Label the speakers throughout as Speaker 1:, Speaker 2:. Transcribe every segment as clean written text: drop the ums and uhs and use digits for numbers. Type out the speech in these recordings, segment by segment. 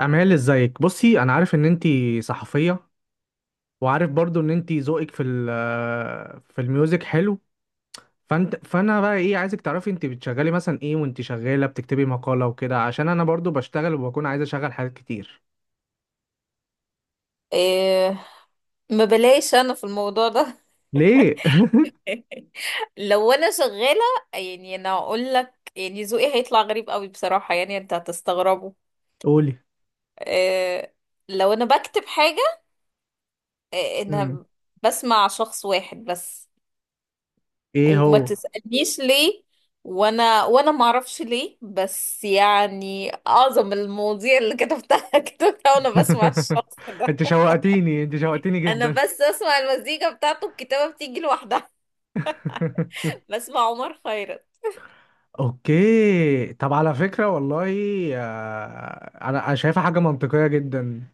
Speaker 1: أمال، ازيك؟ بصي، انا عارف ان انتي صحفية، وعارف برضو ان انتي ذوقك في ال- آه، في الميوزك حلو. فانا بقى ايه، عايزك تعرفي انتي بتشغلي مثلا ايه وانتي شغالة بتكتبي مقالة وكده، عشان انا برضو بشتغل وبكون عايز اشغل حاجات كتير.
Speaker 2: إيه. ما بلاش انا في الموضوع ده.
Speaker 1: ليه؟
Speaker 2: لو انا شغالة، يعني انا اقول لك، يعني ذوقي هيطلع غريب قوي بصراحة، يعني انت هتستغربه.
Speaker 1: قولي.
Speaker 2: إيه. لو انا بكتب حاجة، إيه،
Speaker 1: مم.
Speaker 2: انا بسمع شخص واحد بس،
Speaker 1: ايه
Speaker 2: وما
Speaker 1: هو؟
Speaker 2: تسألنيش ليه، وانا ما اعرفش ليه، بس يعني اعظم المواضيع اللي كتبتها كتبتها وانا بسمع الشخص ده.
Speaker 1: انت شوقتيني، انت شوقتيني
Speaker 2: انا
Speaker 1: جدا.
Speaker 2: بس اسمع المزيكا بتاعته، الكتابة بتيجي لوحدها. بسمع عمر خيرت.
Speaker 1: اوكي، طب على فكرة والله، انا شايفها حاجة منطقية جدا.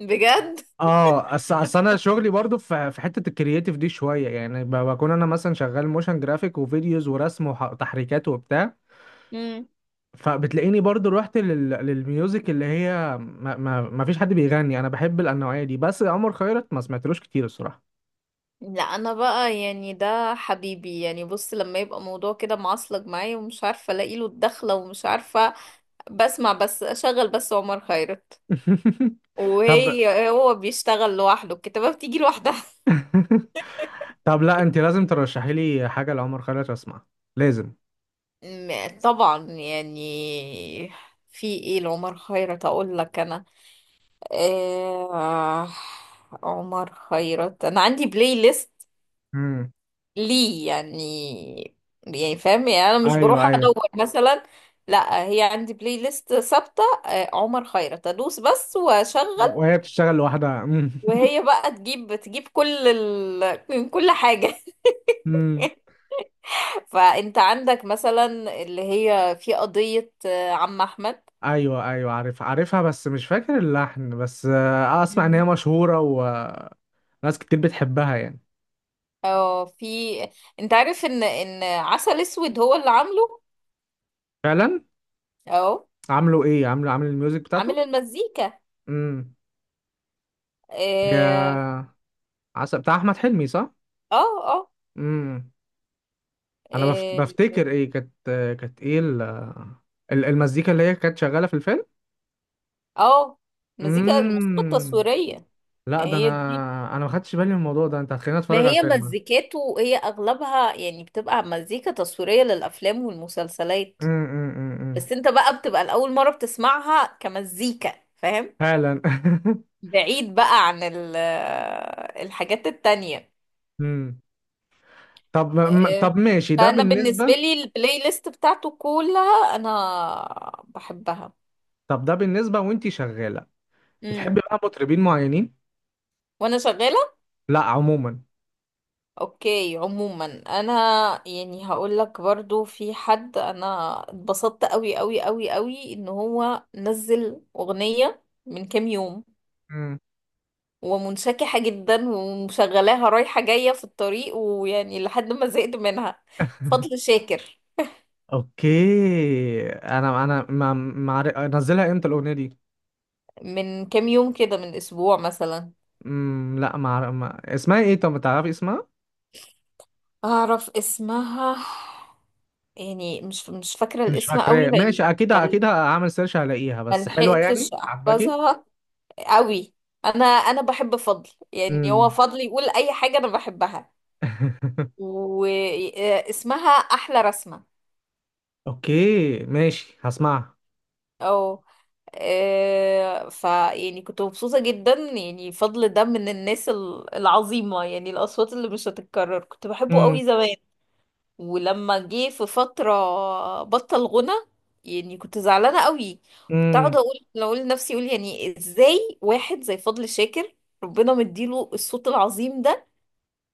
Speaker 2: بجد.
Speaker 1: اصل انا شغلي برضو في حته الكرياتيف دي شويه، يعني بكون انا مثلا شغال موشن جرافيك وفيديوز ورسم وتحريكات وبتاع.
Speaker 2: امم.
Speaker 1: فبتلاقيني برضو رحت للميوزك اللي هي ما فيش حد بيغني. انا بحب النوعيه دي، بس عمر خيرت ما سمعتلوش كتير الصراحه.
Speaker 2: لا انا بقى يعني ده حبيبي، يعني بص لما يبقى موضوع كده معصلج معايا ومش عارفه الاقي له الدخله ومش عارفه، بسمع بس، اشغل بس عمر خيرت.
Speaker 1: طب.
Speaker 2: هو بيشتغل لوحده، الكتابه بتيجي لوحدها.
Speaker 1: طب لا، انت لازم ترشحي لي حاجه لعمر خيرت اسمعها، لازم.
Speaker 2: طبعا يعني. في ايه لعمر خيرت اقول لك انا؟ آه. عمر خيرت انا عندي بلاي ليست.
Speaker 1: امم.
Speaker 2: ليه يعني؟ يعني فاهم، يعني انا مش
Speaker 1: ايوه،
Speaker 2: بروح
Speaker 1: ايوه.
Speaker 2: ادور مثلا. لا، هي عندي بلاي ليست ثابته، عمر خيرت، ادوس بس واشغل.
Speaker 1: وهي بتشتغل لوحدها. امم.
Speaker 2: وهي بقى تجيب من كل حاجه. فانت عندك مثلا، اللي هي في قضيه، عم احمد.
Speaker 1: ايوه، ايوه، عارف، عارفها، بس مش فاكر اللحن، بس اسمع ان هي
Speaker 2: مم.
Speaker 1: مشهوره وناس كتير بتحبها يعني.
Speaker 2: اه، في. انت عارف ان عسل اسود هو اللي عامله.
Speaker 1: فعلا.
Speaker 2: اه.
Speaker 1: عامله ايه، عامل الميوزك
Speaker 2: عامل
Speaker 1: بتاعته.
Speaker 2: المزيكا.
Speaker 1: امم.
Speaker 2: اه.
Speaker 1: يا. عسل بتاع احمد حلمي، صح؟
Speaker 2: اه. اه.
Speaker 1: امم. انا
Speaker 2: آه.
Speaker 1: بفتكر ايه كانت، كانت ايه المزيكا اللي هي كانت شغاله في الفيلم.
Speaker 2: اه. مزيكا، الموسيقى
Speaker 1: امم.
Speaker 2: التصويرية.
Speaker 1: لا ده
Speaker 2: هي دي.
Speaker 1: انا، ما خدتش بالي من الموضوع ده، انت هتخليني
Speaker 2: ما
Speaker 1: اتفرج على
Speaker 2: هي
Speaker 1: الفيلم.
Speaker 2: مزيكاته، هي اغلبها يعني بتبقى مزيكا تصويرية للافلام والمسلسلات.
Speaker 1: امم.
Speaker 2: بس انت بقى بتبقى الاول مرة بتسمعها كمزيكا، فاهم.
Speaker 1: فعلا.
Speaker 2: بعيد بقى عن الحاجات التانية.
Speaker 1: امم.
Speaker 2: آه،
Speaker 1: طب ماشي، ده
Speaker 2: فانا بالنسبة
Speaker 1: بالنسبه.
Speaker 2: لي البلاي ليست بتاعته كلها انا بحبها.
Speaker 1: طب ده بالنسبة وانتي شغالة،
Speaker 2: امم.
Speaker 1: بتحبي بقى مطربين معينين؟
Speaker 2: وانا شغالة.
Speaker 1: لا، عموما.
Speaker 2: اوكي عموما. انا، يعني هقول لك برضو في حد انا اتبسطت قوي قوي قوي قوي ان هو نزل اغنية من كام يوم،
Speaker 1: مم.
Speaker 2: ومنشكحة جدا ومشغلاها رايحة جاية في الطريق، ويعني لحد ما زهقت منها. فضل شاكر.
Speaker 1: اوكي، انا انا ما ما عارف- انزلها امتى الاغنية دي؟
Speaker 2: من كام يوم كده، من اسبوع مثلا.
Speaker 1: مم. لا، ما اسمها ايه، طب تعرفي اسمها؟
Speaker 2: اعرف اسمها، يعني مش فاكرة
Speaker 1: مش
Speaker 2: الاسم قوي
Speaker 1: فاكراه، ماشي،
Speaker 2: لاني
Speaker 1: اكيد اكيد هعمل سيرش هلاقيها، بس حلوة يعني،
Speaker 2: ملحقتش
Speaker 1: عجباكي؟
Speaker 2: احفظها قوي. انا بحب فضل، يعني هو
Speaker 1: امم.
Speaker 2: فضل يقول اي حاجه انا بحبها. واسمها احلى رسمه.
Speaker 1: اوكي ماشي، هسمعها.
Speaker 2: او. ف يعني كنت مبسوطه جدا، يعني فضل ده من الناس العظيمه، يعني الاصوات اللي مش هتتكرر، كنت بحبه
Speaker 1: امم.
Speaker 2: قوي زمان. ولما جه في فتره بطل غنى، يعني كنت زعلانه قوي. كنت اقعد
Speaker 1: امم.
Speaker 2: اقول لنفسي، اقول يعني ازاي واحد زي فضل شاكر ربنا مديله الصوت العظيم ده،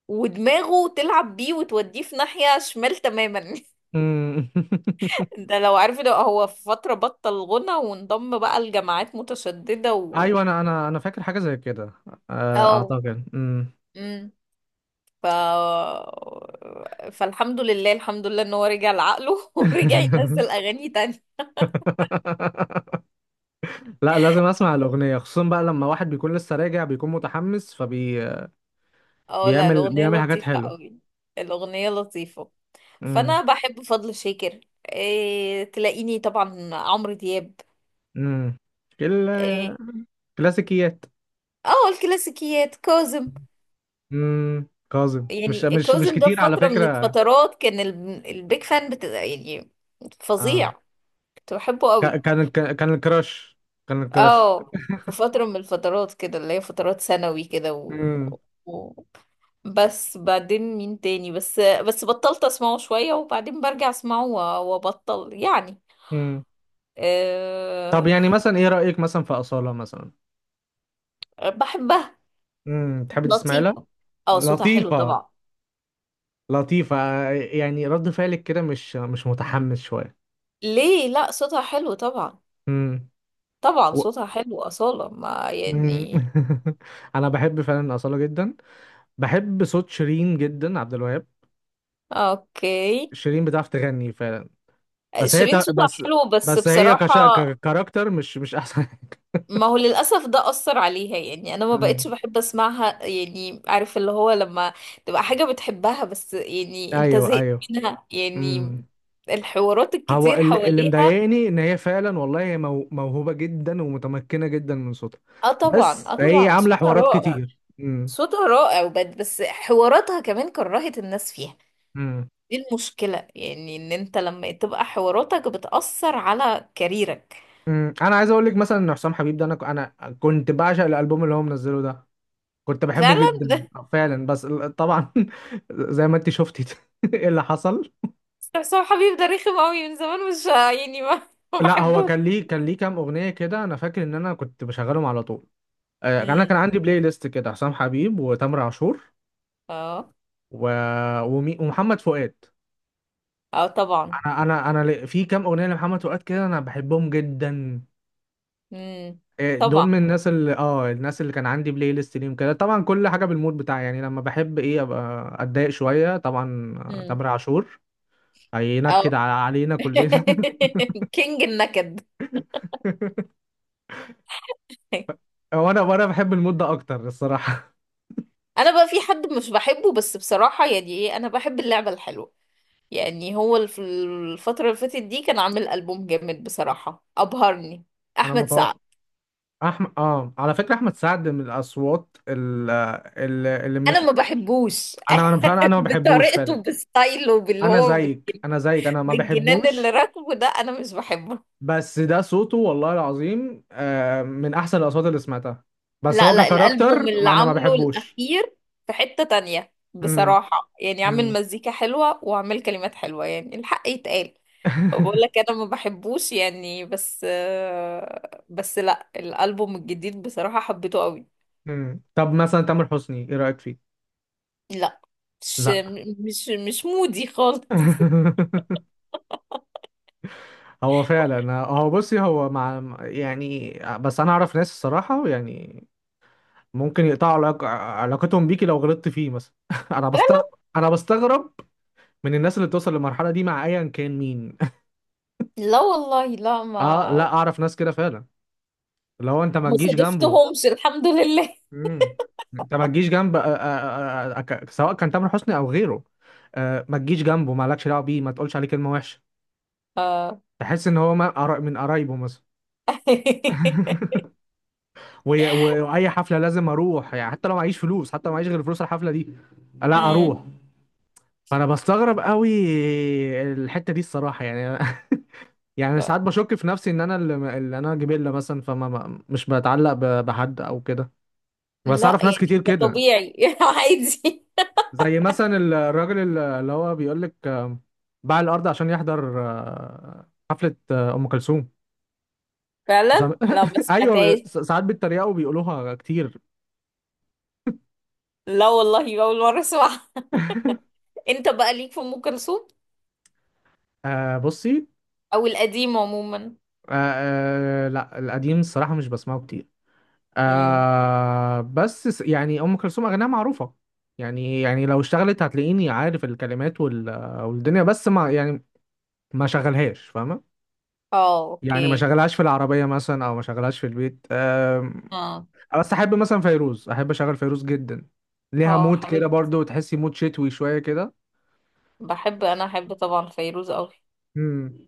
Speaker 2: ودماغه تلعب بيه وتوديه في ناحية شمال تماما.
Speaker 1: امم.
Speaker 2: ده لو عارف، ده هو في فترة بطل غنى وانضم بقى لجماعات متشددة، و
Speaker 1: ايوه، انا فاكر حاجة زي كده،
Speaker 2: اه.
Speaker 1: اعتقد. امم.
Speaker 2: امم. ف فالحمد لله الحمد لله ان هو رجع لعقله، ورجع ينزل اغاني تانية.
Speaker 1: لا، لازم اسمع الاغنيه، خصوصا بقى لما واحد بيكون لسه راجع بيكون متحمس فبي
Speaker 2: اه لا، الاغنية
Speaker 1: بيعمل حاجات
Speaker 2: لطيفة
Speaker 1: حلوه.
Speaker 2: قوي. الاغنية لطيفة.
Speaker 1: امم.
Speaker 2: فانا بحب فضل شاكر. تلاقيني طبعا عمرو دياب.
Speaker 1: امم. كل
Speaker 2: إيه...
Speaker 1: كلاسيكيات.
Speaker 2: اه الكلاسيكيات. كاظم.
Speaker 1: امم، كاظم
Speaker 2: يعني
Speaker 1: مش
Speaker 2: كاظم ده في
Speaker 1: كتير على
Speaker 2: فترة من
Speaker 1: فكره.
Speaker 2: الفترات كان البيك فان بتبقى يعني
Speaker 1: اه،
Speaker 2: فظيع، كنت بحبه قوي.
Speaker 1: كان الكراش، كان الكراش.
Speaker 2: اه في فترة من الفترات كده، اللي هي فترات ثانوي كده،
Speaker 1: امم.
Speaker 2: و... بس بعدين مين تاني، بس بطلت اسمعه شوية، وبعدين برجع اسمعه وابطل يعني.
Speaker 1: امم. طب
Speaker 2: أه...
Speaker 1: يعني مثلا ايه رايك مثلا في اصاله مثلا؟
Speaker 2: بحبها،
Speaker 1: امم، تحبي تسمعي لها؟
Speaker 2: لطيفة. اه صوتها حلو
Speaker 1: لطيفه.
Speaker 2: طبعا.
Speaker 1: لطيفه، يعني رد فعلك كده مش متحمس شويه.
Speaker 2: ليه، لا صوتها حلو طبعا.
Speaker 1: امم.
Speaker 2: طبعا صوتها حلو أصالة، ما
Speaker 1: مم.
Speaker 2: يعني.
Speaker 1: انا بحب فعلا اصاله جدا. بحب صوت شيرين جدا، عبد الوهاب.
Speaker 2: اوكي.
Speaker 1: شيرين بتعرف تغني فعلا، بس هي
Speaker 2: شيرين صوتها حلو بس بصراحة،
Speaker 1: ككاركتر مش احسن.
Speaker 2: ما هو للأسف ده أثر عليها، يعني أنا ما
Speaker 1: مم.
Speaker 2: بقتش بحب أسمعها. يعني عارف اللي هو لما تبقى حاجة بتحبها بس يعني أنت
Speaker 1: ايوه،
Speaker 2: زهقت
Speaker 1: ايوه.
Speaker 2: منها، يعني
Speaker 1: امم.
Speaker 2: الحوارات
Speaker 1: هو
Speaker 2: الكتير
Speaker 1: اللي
Speaker 2: حواليها.
Speaker 1: مضايقني، ان هي فعلا والله هي موهوبه جدا ومتمكنه جدا من صوتها،
Speaker 2: اه طبعا،
Speaker 1: بس
Speaker 2: اه
Speaker 1: هي
Speaker 2: طبعا،
Speaker 1: عامله
Speaker 2: صوتها
Speaker 1: حوارات
Speaker 2: رائع.
Speaker 1: كتير. امم.
Speaker 2: صوتها رائع، بس حواراتها كمان كرهت الناس فيها.
Speaker 1: امم.
Speaker 2: دي المشكلة، يعني إن أنت لما تبقى حواراتك بتأثر على كاريرك.
Speaker 1: امم. انا عايز اقول لك مثلا ان حسام حبيب ده، انا كنت بعشق الالبوم اللي هو منزله ده، كنت بحبه
Speaker 2: فعلا.
Speaker 1: جدا. فعلا، بس طبعا زي ما انت شفتي. ايه اللي حصل؟
Speaker 2: بس هو حبيب ده رخم قوي من زمان، مش يعني ما, ما
Speaker 1: لا هو
Speaker 2: بحبوش.
Speaker 1: كان ليه كام اغنيه كده، انا فاكر ان انا كنت بشغلهم على طول. يعني انا كان
Speaker 2: امم.
Speaker 1: عندي بلاي ليست كده، حسام حبيب وتامر عاشور،
Speaker 2: اه.
Speaker 1: و... ومحمد فؤاد.
Speaker 2: اه طبعا.
Speaker 1: في كام اغنيه لمحمد فؤاد كده انا بحبهم جدا.
Speaker 2: امم.
Speaker 1: دول من
Speaker 2: طبعا.
Speaker 1: الناس اللي اه الناس اللي كان عندي بلاي ليست ليهم كده، طبعا كل حاجه بالمود بتاعي، يعني لما بحب ايه ابقى اتضايق شويه طبعا.
Speaker 2: امم.
Speaker 1: تامر عاشور
Speaker 2: اه.
Speaker 1: هينكد علينا كلنا.
Speaker 2: كينج النكد.
Speaker 1: هو انا وانا بحب المود ده اكتر الصراحه.
Speaker 2: انا بقى في حد مش بحبه بس بصراحة يعني ايه، انا بحب اللعبة الحلوة، يعني هو الفترة اللي فاتت دي كان عامل ألبوم جامد بصراحة، أبهرني.
Speaker 1: انا
Speaker 2: أحمد سعد.
Speaker 1: متوقع. احمد اه على فكره، احمد سعد من الاصوات اللي
Speaker 2: أنا
Speaker 1: مش.
Speaker 2: ما بحبوش.
Speaker 1: انا انا فعلا انا ما بحبوش فعلا.
Speaker 2: بطريقته، بستايله، باللي
Speaker 1: انا
Speaker 2: هو
Speaker 1: زيك، انا زيك، انا ما
Speaker 2: بالجنان اللي
Speaker 1: بحبوش،
Speaker 2: راكبه ده، أنا مش بحبه.
Speaker 1: بس ده صوته والله العظيم، من احسن الاصوات اللي سمعتها، بس
Speaker 2: لا
Speaker 1: هو
Speaker 2: لا، الألبوم
Speaker 1: ككاركتر،
Speaker 2: اللي
Speaker 1: ما انا ما
Speaker 2: عامله
Speaker 1: بحبوش.
Speaker 2: الأخير في حتة تانية
Speaker 1: امم.
Speaker 2: بصراحة، يعني عامل
Speaker 1: امم.
Speaker 2: مزيكا حلوة وعامل كلمات حلوة، يعني الحق يتقال. بقول لك أنا ما بحبوش يعني، بس لا الألبوم الجديد بصراحة حبيته قوي.
Speaker 1: امم. طب مثلا تامر حسني ايه رايك فيه؟
Speaker 2: لا مش
Speaker 1: لا.
Speaker 2: مش مودي خالص.
Speaker 1: هو فعلا، هو بصي، هو مع يعني، بس انا اعرف ناس الصراحه، يعني ممكن يقطعوا علاقتهم بيكي لو غلطت فيه مثلا. انا بستغرب، انا بستغرب من الناس اللي بتوصل للمرحله دي مع ايا كان مين.
Speaker 2: لا والله، لا،
Speaker 1: اه لا،
Speaker 2: ما
Speaker 1: اعرف ناس كده فعلا، اللي هو انت ما
Speaker 2: ما
Speaker 1: تجيش جنبه.
Speaker 2: صادفتهمش الحمد لله.
Speaker 1: مم. انت ما تجيش جنب، سواء كان تامر حسني او غيره، ما تجيش جنبه، ما لكش دعوه بيه، ما تقولش عليه كلمه وحشه،
Speaker 2: آه.
Speaker 1: تحس ان هو من قرايبه مثلا. واي حفله لازم اروح، يعني حتى لو معيش فلوس، حتى لو معيش غير فلوس الحفله دي، لا
Speaker 2: مم.
Speaker 1: اروح. فانا بستغرب قوي الحته دي الصراحه يعني. يعني ساعات بشك في نفسي ان انا اللي انا جبله مثلا، فما مش بتعلق بحد او كده، بس
Speaker 2: لا
Speaker 1: اعرف ناس
Speaker 2: يعني
Speaker 1: كتير
Speaker 2: ده
Speaker 1: كده.
Speaker 2: طبيعي. عادي.
Speaker 1: زي مثلا الراجل اللي هو بيقول لك باع الارض عشان يحضر حفله ام كلثوم. زم...
Speaker 2: فعلا لا ما
Speaker 1: ايوه،
Speaker 2: سمعتهاش.
Speaker 1: ساعات بيتريقوا وبيقولوها كتير.
Speaker 2: لا والله اول مره اسمعها. انت بقى ليك في ام كلثوم
Speaker 1: آه بصي.
Speaker 2: او القديم عموما؟
Speaker 1: آه، آه، لا القديم الصراحة مش بسمعه كتير.
Speaker 2: امم.
Speaker 1: آه بس يعني أم كلثوم أغانيها معروفة، يعني، لو اشتغلت هتلاقيني عارف الكلمات وال والدنيا، بس ما يعني، ما شغلهاش فاهمة.
Speaker 2: اه.
Speaker 1: يعني ما
Speaker 2: اوكي.
Speaker 1: شغلهاش في العربية مثلا، أو ما شغلهاش في البيت، آه.
Speaker 2: اه
Speaker 1: بس أحب مثلا فيروز، أحب أشغل فيروز جدا، ليها
Speaker 2: اه،
Speaker 1: مود كده
Speaker 2: حبيبتي.
Speaker 1: برضو، تحسي مود شتوي شوية كده.
Speaker 2: انا احب طبعا فيروز قوي.
Speaker 1: مم.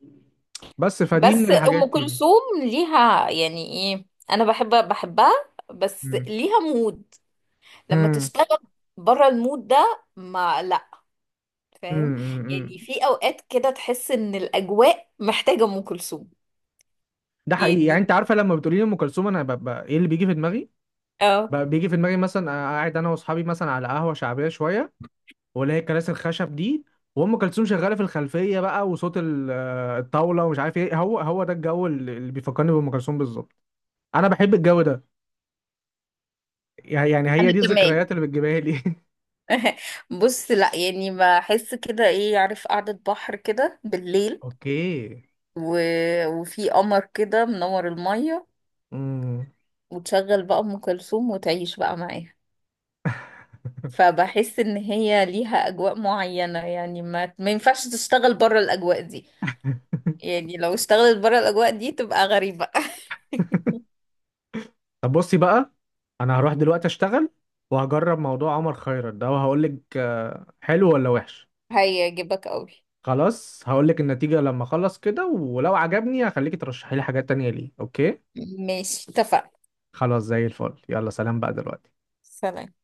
Speaker 1: بس فدي من
Speaker 2: بس
Speaker 1: الحاجات
Speaker 2: ام
Speaker 1: دي.
Speaker 2: كلثوم ليها، يعني ايه، انا بحبها. بس
Speaker 1: مم.
Speaker 2: ليها مود لما
Speaker 1: مم.
Speaker 2: تشتغل، بره المود ده ما لا.
Speaker 1: مم.
Speaker 2: فاهم. يعني
Speaker 1: مم.
Speaker 2: في اوقات كده تحس ان الاجواء محتاجه ام كلثوم.
Speaker 1: ده حقيقي، يعني
Speaker 2: يعني
Speaker 1: انت عارفه لما بتقولي لي ام كلثوم انا ببقى ايه اللي بيجي في دماغي،
Speaker 2: اه،
Speaker 1: بقى بيجي في دماغي مثلا، أنا قاعد انا واصحابي مثلا على قهوه شعبيه شويه، واللي هي الكراسي الخشب دي، وام كلثوم شغاله في الخلفيه بقى، وصوت الطاوله ومش عارف ايه، هو ده الجو اللي بيفكرني بام كلثوم بالظبط. انا بحب الجو ده، يعني
Speaker 2: انا
Speaker 1: هي دي
Speaker 2: كمان.
Speaker 1: الذكريات اللي بتجيبها لي.
Speaker 2: بص لا، يعني بحس كده ايه، عارف قعدة بحر كده بالليل،
Speaker 1: اوكي.
Speaker 2: و... وفي قمر كده منور المية،
Speaker 1: امم.
Speaker 2: وتشغل بقى أم كلثوم وتعيش بقى معاها. فبحس ان هي ليها اجواء معينة، يعني ما ينفعش تشتغل بره الاجواء دي. يعني لو اشتغلت بره الاجواء دي تبقى غريبة.
Speaker 1: طب بصي بقى، انا هروح دلوقتي اشتغل، وهجرب موضوع عمر خيرت ده، وهقول لك حلو ولا وحش.
Speaker 2: هيعجبك قوي.
Speaker 1: خلاص، هقول لك النتيجة لما اخلص كده، ولو عجبني هخليكي ترشحي لي حاجات تانية، ليه؟ اوكي.
Speaker 2: ماشي اتفقنا.
Speaker 1: خلاص زي الفل، يلا سلام بقى دلوقتي.
Speaker 2: سلام.